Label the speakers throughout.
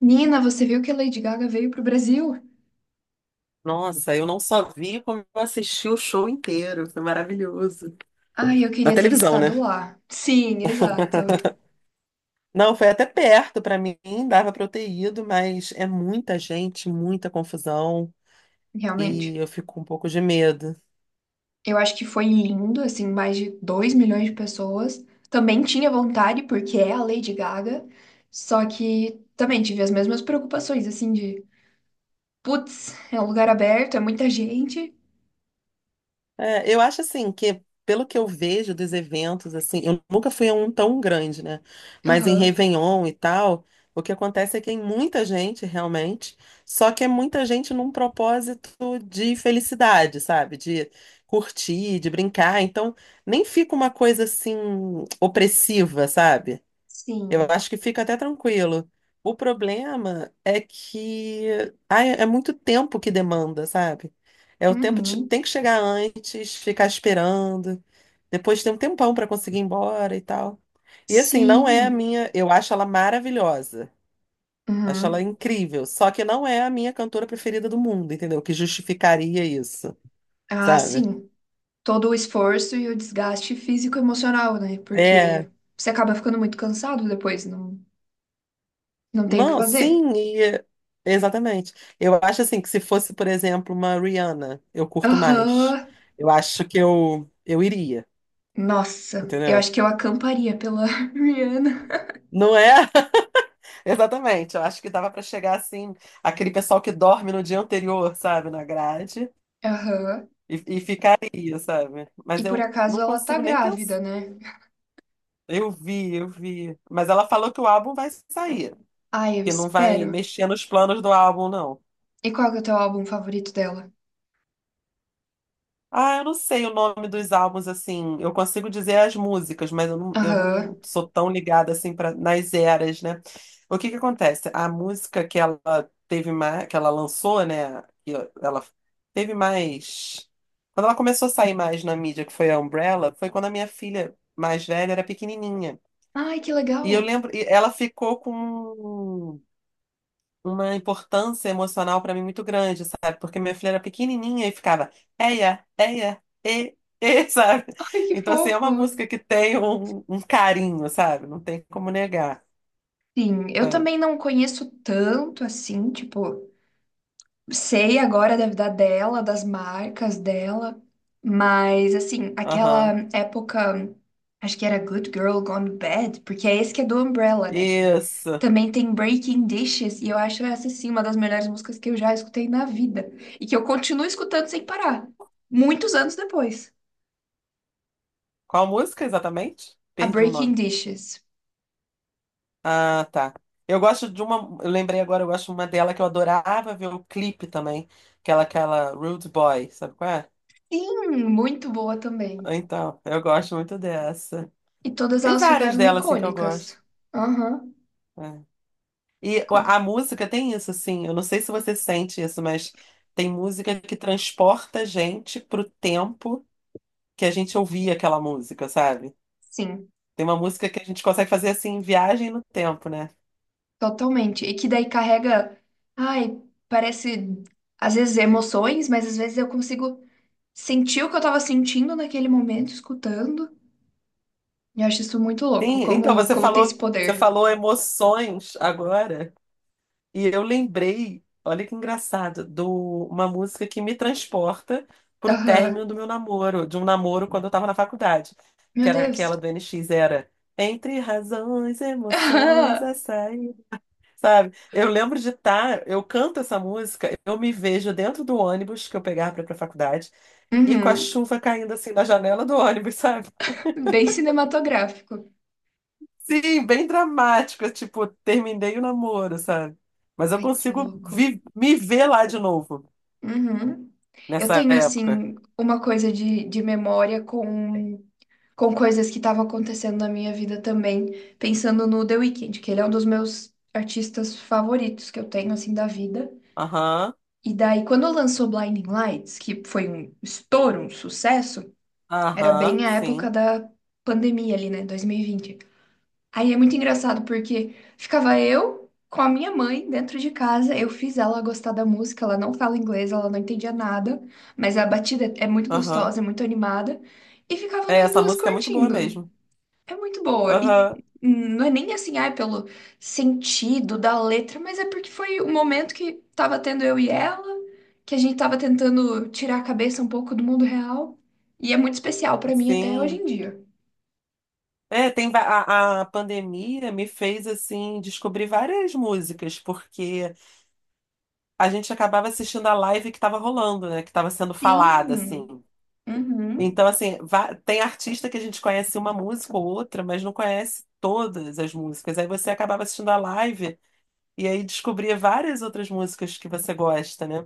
Speaker 1: Nina, você viu que a Lady Gaga veio pro Brasil?
Speaker 2: Nossa, eu não só vi como eu assisti o show inteiro. Foi maravilhoso.
Speaker 1: Ai, eu
Speaker 2: Na
Speaker 1: queria ter
Speaker 2: televisão, né?
Speaker 1: estado lá. Sim, exato.
Speaker 2: Não, foi até perto pra mim, dava pra eu ter ido, mas é muita gente, muita confusão e
Speaker 1: Realmente.
Speaker 2: eu fico com um pouco de medo.
Speaker 1: Eu acho que foi lindo, assim, mais de 2 milhões de pessoas. Também tinha vontade, porque é a Lady Gaga. Só que também tive as mesmas preocupações, assim, de putz, é um lugar aberto, é muita gente.
Speaker 2: É, eu acho assim que, pelo que eu vejo dos eventos, assim, eu nunca fui a um tão grande, né? Mas em
Speaker 1: Aham.
Speaker 2: Réveillon e tal, o que acontece é que tem muita gente realmente, só que é muita gente num propósito de felicidade, sabe? De curtir, de brincar. Então, nem fica uma coisa assim opressiva, sabe? Eu
Speaker 1: Sim.
Speaker 2: acho que fica até tranquilo. O problema é que ai, é muito tempo que demanda, sabe? É o tempo de tem
Speaker 1: Uhum.
Speaker 2: que chegar antes, ficar esperando, depois tem um tempão para conseguir ir embora e tal. E assim, não é a
Speaker 1: Sim.
Speaker 2: minha, eu acho ela maravilhosa, acho ela
Speaker 1: Uhum.
Speaker 2: incrível, só que não é a minha cantora preferida do mundo, entendeu? Que justificaria isso,
Speaker 1: Ah,
Speaker 2: sabe?
Speaker 1: sim. Todo o esforço e o desgaste físico e emocional, né?
Speaker 2: É.
Speaker 1: Porque você acaba ficando muito cansado depois, não, não tem o que
Speaker 2: Não,
Speaker 1: fazer.
Speaker 2: sim, é, exatamente. Eu acho assim que se fosse, por exemplo, uma Rihanna, eu curto mais.
Speaker 1: Aham.
Speaker 2: Eu acho que eu iria,
Speaker 1: Nossa, eu
Speaker 2: entendeu?
Speaker 1: acho que eu acamparia pela Rihanna.
Speaker 2: Não é? Exatamente. Eu acho que dava pra chegar assim, aquele pessoal que dorme no dia anterior, sabe, na grade,
Speaker 1: Aham.
Speaker 2: e ficaria, sabe?
Speaker 1: E
Speaker 2: Mas
Speaker 1: por
Speaker 2: eu
Speaker 1: acaso
Speaker 2: não
Speaker 1: ela tá
Speaker 2: consigo nem pensar.
Speaker 1: grávida, né?
Speaker 2: Eu vi, eu vi. Mas ela falou que o álbum vai sair,
Speaker 1: Ai, eu
Speaker 2: que não vai
Speaker 1: espero.
Speaker 2: mexer nos planos do álbum, não.
Speaker 1: E qual que é o teu álbum favorito dela?
Speaker 2: Ah, eu não sei o nome dos álbuns, assim. Eu consigo dizer as músicas, mas eu não, eu
Speaker 1: Aham.
Speaker 2: não sou tão ligada, assim, pra, nas eras, né? O que que acontece? A música que ela teve mais, que ela lançou, né? Que ela teve mais. Quando ela começou a sair mais na mídia, que foi a Umbrella, foi quando a minha filha mais velha era pequenininha.
Speaker 1: Ai, que
Speaker 2: E eu
Speaker 1: legal.
Speaker 2: lembro, e ela ficou com uma importância emocional pra mim muito grande, sabe? Porque minha filha era pequenininha e ficava eia, eia, sabe?
Speaker 1: Ai, que
Speaker 2: Então, assim, é
Speaker 1: fofo.
Speaker 2: uma música que tem um carinho, sabe? Não tem como negar,
Speaker 1: Sim, eu
Speaker 2: sabe?
Speaker 1: também não conheço tanto assim, tipo. Sei agora da vida dela, das marcas dela, mas assim,
Speaker 2: Aham.
Speaker 1: aquela época, acho que era Good Girl Gone Bad, porque é esse que é do Umbrella, né?
Speaker 2: Isso.
Speaker 1: Também tem Breaking Dishes, e eu acho essa sim uma das melhores músicas que eu já escutei na vida, e que eu continuo escutando sem parar, muitos anos depois.
Speaker 2: Qual música exatamente?
Speaker 1: A
Speaker 2: Perdi o
Speaker 1: Breaking
Speaker 2: nome.
Speaker 1: Dishes.
Speaker 2: Ah, tá. Eu gosto de uma, eu lembrei agora, eu gosto de uma dela que eu adorava ver o clipe também, que era aquela Rude Boy, sabe qual é?
Speaker 1: Sim, muito boa também.
Speaker 2: Então, eu gosto muito dessa.
Speaker 1: E todas
Speaker 2: Tem
Speaker 1: elas
Speaker 2: várias
Speaker 1: ficaram
Speaker 2: delas, assim, que eu
Speaker 1: icônicas.
Speaker 2: gosto.
Speaker 1: Aham,
Speaker 2: É. E
Speaker 1: com-
Speaker 2: a música tem isso, assim. Eu não sei se você sente isso, mas tem música que transporta a gente pro tempo que a gente ouvia aquela música, sabe?
Speaker 1: sim.
Speaker 2: Tem uma música que a gente consegue fazer assim, viagem no tempo, né?
Speaker 1: Totalmente. E que daí carrega, ai, parece às vezes emoções, mas às vezes eu consigo sentir o que eu tava sentindo naquele momento, escutando. E eu acho isso muito louco,
Speaker 2: Sim, então
Speaker 1: como,
Speaker 2: você
Speaker 1: como tem esse
Speaker 2: falou, você
Speaker 1: poder.
Speaker 2: falou emoções agora. E eu lembrei, olha que engraçado, de uma música que me transporta pro
Speaker 1: Aham.
Speaker 2: término do meu namoro, de um namoro quando eu tava na faculdade,
Speaker 1: Meu
Speaker 2: que era
Speaker 1: Deus.
Speaker 2: aquela do N X era Entre razões, emoções, açaí, sabe? Eu lembro de estar, eu canto essa música, eu me vejo dentro do ônibus que eu pegava pra ir pra faculdade e com
Speaker 1: Aham.
Speaker 2: a
Speaker 1: Uhum.
Speaker 2: chuva caindo assim na janela do ônibus, sabe?
Speaker 1: Bem cinematográfico.
Speaker 2: Sim, bem dramática, tipo, terminei o namoro, sabe? Mas eu
Speaker 1: Ai, que
Speaker 2: consigo
Speaker 1: louco.
Speaker 2: me ver lá de novo
Speaker 1: Uhum. Eu
Speaker 2: nessa
Speaker 1: tenho,
Speaker 2: época.
Speaker 1: assim, uma coisa de memória com coisas que estavam acontecendo na minha vida também, pensando no The Weeknd, que ele é um dos meus artistas favoritos que eu tenho, assim, da vida.
Speaker 2: Aham,
Speaker 1: E daí, quando lançou Blinding Lights, que foi um estouro, um sucesso, era
Speaker 2: aham,
Speaker 1: bem a época
Speaker 2: sim.
Speaker 1: da pandemia ali, né, 2020. Aí é muito engraçado, porque ficava eu com a minha mãe dentro de casa, eu fiz ela gostar da música, ela não fala inglês, ela não entendia nada, mas a batida é muito
Speaker 2: Aham.
Speaker 1: gostosa, é muito animada, e ficavam
Speaker 2: É,
Speaker 1: nós
Speaker 2: essa
Speaker 1: duas
Speaker 2: música é muito boa
Speaker 1: curtindo.
Speaker 2: mesmo.
Speaker 1: É muito boa. E
Speaker 2: Aham,
Speaker 1: não é nem assim, ah, é pelo sentido da letra, mas é porque foi o momento que tava tendo eu e ela, que a gente tava tentando tirar a cabeça um pouco do mundo real. E é muito especial pra mim até hoje
Speaker 2: sim.
Speaker 1: em dia.
Speaker 2: É, tem a pandemia me fez assim descobrir várias músicas, porque a gente acabava assistindo a live que estava rolando, né? Que estava sendo falada, assim.
Speaker 1: Sim. Uhum.
Speaker 2: Então, assim, tem artista que a gente conhece uma música ou outra, mas não conhece todas as músicas. Aí você acabava assistindo a live e aí descobria várias outras músicas que você gosta, né?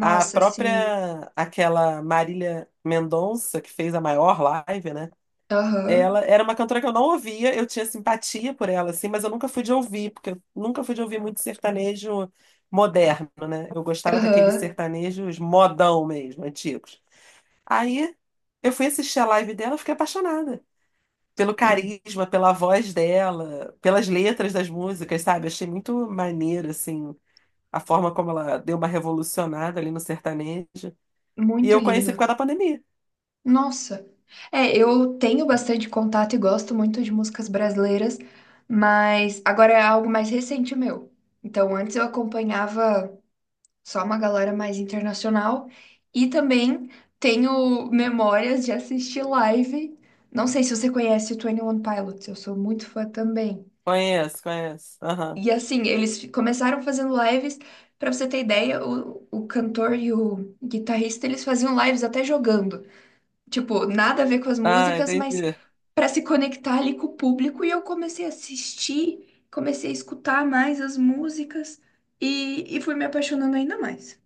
Speaker 2: A
Speaker 1: sim.
Speaker 2: própria, aquela Marília Mendonça, que fez a maior live, né?
Speaker 1: Aham.
Speaker 2: Ela era uma cantora que eu não ouvia, eu tinha simpatia por ela, assim, mas eu nunca fui de ouvir, porque eu nunca fui de ouvir muito sertanejo moderno, né? Eu gostava daqueles
Speaker 1: Aham.
Speaker 2: sertanejos modão mesmo, antigos. Aí eu fui assistir a live dela, eu fiquei apaixonada pelo
Speaker 1: Sim.
Speaker 2: carisma, pela voz dela, pelas letras das músicas, sabe? Achei muito maneiro, assim, a forma como ela deu uma revolucionada ali no sertanejo. E
Speaker 1: Muito
Speaker 2: eu conheci por
Speaker 1: lindo.
Speaker 2: causa da pandemia.
Speaker 1: Nossa. É, eu tenho bastante contato e gosto muito de músicas brasileiras, mas agora é algo mais recente meu. Então, antes eu acompanhava só uma galera mais internacional e também tenho memórias de assistir live. Não sei se você conhece o twenty One Pilots, eu sou muito fã também.
Speaker 2: Conheço, conheço. Aham.
Speaker 1: E assim, começaram fazendo lives, pra você ter ideia, o cantor e o guitarrista, eles faziam lives até jogando. Tipo, nada a ver com as
Speaker 2: Ah,
Speaker 1: músicas, mas
Speaker 2: entendi.
Speaker 1: para se conectar ali com o público. E eu comecei a assistir, comecei a escutar mais as músicas e fui me apaixonando ainda mais.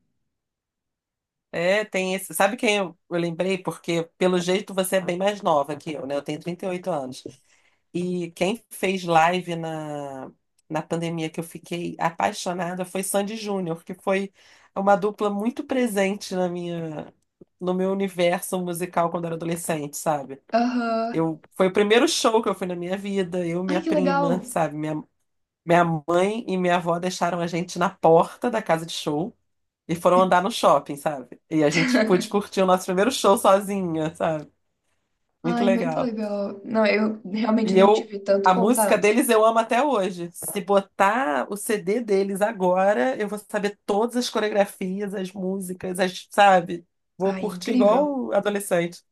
Speaker 2: É, tem esse. Sabe quem eu lembrei? Porque, pelo jeito, você é bem mais nova que eu, né? Eu tenho 38 anos. E quem fez live na pandemia que eu fiquei apaixonada foi Sandy Júnior, que foi uma dupla muito presente na minha, no meu universo musical quando eu era adolescente, sabe?
Speaker 1: Aham.
Speaker 2: Eu, foi o primeiro show que eu fui na minha vida, eu, minha
Speaker 1: Ai, que
Speaker 2: prima,
Speaker 1: legal!
Speaker 2: sabe? Minha mãe e minha avó deixaram a gente na porta da casa de show. E foram andar no shopping, sabe? E a gente pôde curtir o nosso primeiro show sozinha, sabe? Muito
Speaker 1: Ai, muito
Speaker 2: legal.
Speaker 1: legal. Não, eu realmente
Speaker 2: E
Speaker 1: não
Speaker 2: eu,
Speaker 1: tive tanto
Speaker 2: a música
Speaker 1: contato.
Speaker 2: deles eu amo até hoje. Se botar o CD deles agora, eu vou saber todas as coreografias, as músicas, as, sabe? Vou
Speaker 1: Ai,
Speaker 2: curtir
Speaker 1: incrível.
Speaker 2: igual adolescente.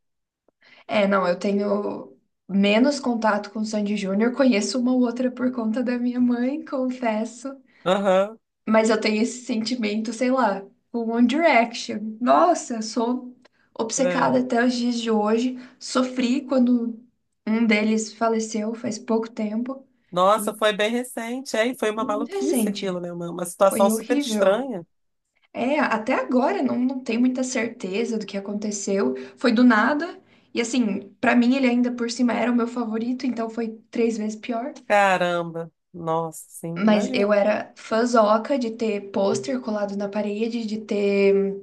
Speaker 1: É, não, eu tenho menos contato com o Sandy Júnior, conheço uma ou outra por conta da minha mãe, confesso.
Speaker 2: Aham.
Speaker 1: Mas eu tenho esse sentimento, sei lá, com One Direction. Nossa, eu sou
Speaker 2: É.
Speaker 1: obcecada até os dias de hoje. Sofri quando um deles faleceu faz pouco tempo.
Speaker 2: Nossa,
Speaker 1: E
Speaker 2: foi bem recente, é, e foi uma
Speaker 1: muito
Speaker 2: maluquice aquilo,
Speaker 1: recente.
Speaker 2: né? Uma
Speaker 1: Foi
Speaker 2: situação super
Speaker 1: horrível.
Speaker 2: estranha.
Speaker 1: É, até agora não, não tenho muita certeza do que aconteceu. Foi do nada. E assim, pra mim ele ainda por cima era o meu favorito, então foi 3 vezes pior.
Speaker 2: Caramba, nossa, sim,
Speaker 1: Mas eu
Speaker 2: imagino.
Speaker 1: era fãzoca de ter pôster colado na parede, de ter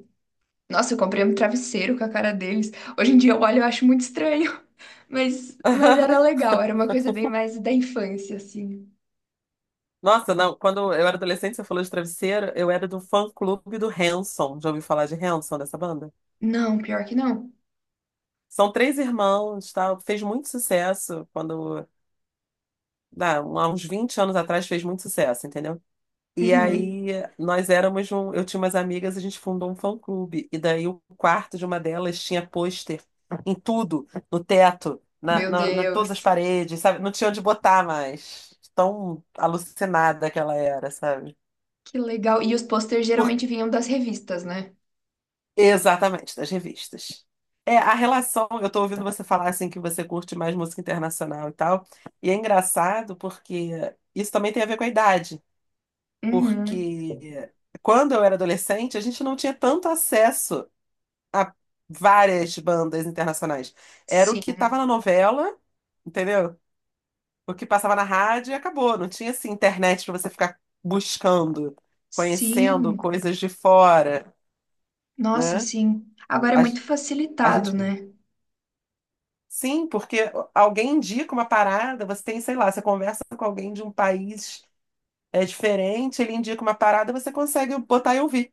Speaker 1: Nossa, eu comprei um travesseiro com a cara deles. Hoje em dia eu olho e eu acho muito estranho, mas era legal, era uma coisa bem mais da infância, assim.
Speaker 2: Nossa, não, quando eu era adolescente, você falou de travesseiro, eu era do fã-clube do Hanson. Já ouviu falar de Hanson, dessa banda?
Speaker 1: Não, pior que não.
Speaker 2: São três irmãos, tal, fez muito sucesso quando, dá, há uns 20 anos atrás fez muito sucesso, entendeu? E
Speaker 1: Uhum.
Speaker 2: aí nós éramos um, eu tinha umas amigas, a gente fundou um fã-clube e daí o quarto de uma delas tinha pôster em tudo, no teto, na,
Speaker 1: Meu
Speaker 2: na, na todas as
Speaker 1: Deus,
Speaker 2: paredes, sabe? Não tinha onde botar mais. Tão alucinada que ela era, sabe?
Speaker 1: que legal. E os posters geralmente vinham das revistas, né?
Speaker 2: Exatamente, das revistas. É, a relação, eu tô ouvindo você falar assim que você curte mais música internacional e tal, e é engraçado porque isso também tem a ver com a idade,
Speaker 1: Uhum.
Speaker 2: porque quando eu era adolescente, a gente não tinha tanto acesso a várias bandas internacionais. Era o
Speaker 1: Sim,
Speaker 2: que tava na novela, entendeu? O que passava na rádio e acabou. Não tinha assim internet para você ficar buscando, conhecendo
Speaker 1: sim.
Speaker 2: coisas de fora,
Speaker 1: Nossa,
Speaker 2: né?
Speaker 1: sim. Agora é
Speaker 2: A,
Speaker 1: muito
Speaker 2: a
Speaker 1: facilitado,
Speaker 2: gente.
Speaker 1: né?
Speaker 2: Sim, porque alguém indica uma parada, você tem, sei lá, você conversa com alguém de um país diferente, ele indica uma parada, você consegue botar e ouvir,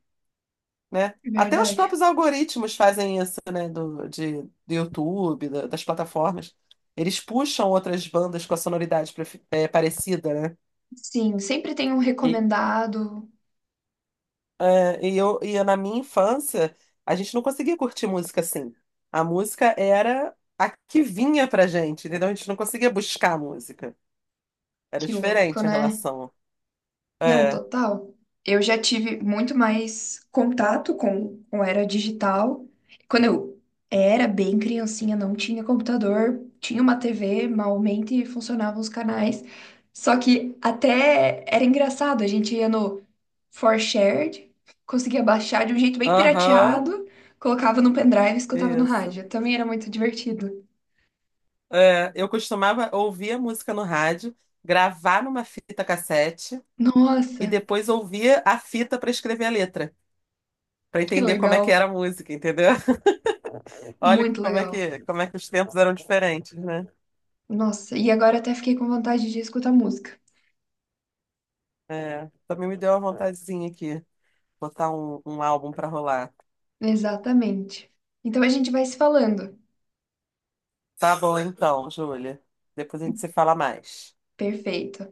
Speaker 2: né?
Speaker 1: É
Speaker 2: Até os
Speaker 1: verdade.
Speaker 2: próprios algoritmos fazem isso, né? Do YouTube, das plataformas. Eles puxam outras bandas com a sonoridade parecida, né?
Speaker 1: Sim, sempre tem um
Speaker 2: E,
Speaker 1: recomendado.
Speaker 2: e eu, na minha infância, a gente não conseguia curtir música assim. A música era a que vinha pra gente, entendeu? A gente não conseguia buscar música. Era
Speaker 1: Que louco,
Speaker 2: diferente a
Speaker 1: né?
Speaker 2: relação.
Speaker 1: Não,
Speaker 2: É.
Speaker 1: total. Eu já tive muito mais contato com era digital. Quando eu era bem criancinha, não tinha computador, tinha uma TV, malmente funcionavam os canais. Só que até era engraçado, a gente ia no ForShared, conseguia baixar de um jeito bem
Speaker 2: Aham.
Speaker 1: pirateado, colocava no pendrive e escutava no
Speaker 2: Isso.
Speaker 1: rádio. Também era muito divertido.
Speaker 2: É. Eu costumava ouvir a música no rádio, gravar numa fita cassete e
Speaker 1: Nossa,
Speaker 2: depois ouvir a fita para escrever a letra, para
Speaker 1: que
Speaker 2: entender como é que
Speaker 1: legal,
Speaker 2: era a música, entendeu? Olha
Speaker 1: muito
Speaker 2: como é
Speaker 1: legal.
Speaker 2: que, como é que os tempos eram diferentes, né?
Speaker 1: Nossa, e agora até fiquei com vontade de escutar música.
Speaker 2: É. Também me deu uma vontadezinha aqui, botar um álbum para rolar.
Speaker 1: Exatamente. Então a gente vai se falando.
Speaker 2: Tá bom então, Júlia. Depois a gente se fala mais.
Speaker 1: Perfeito.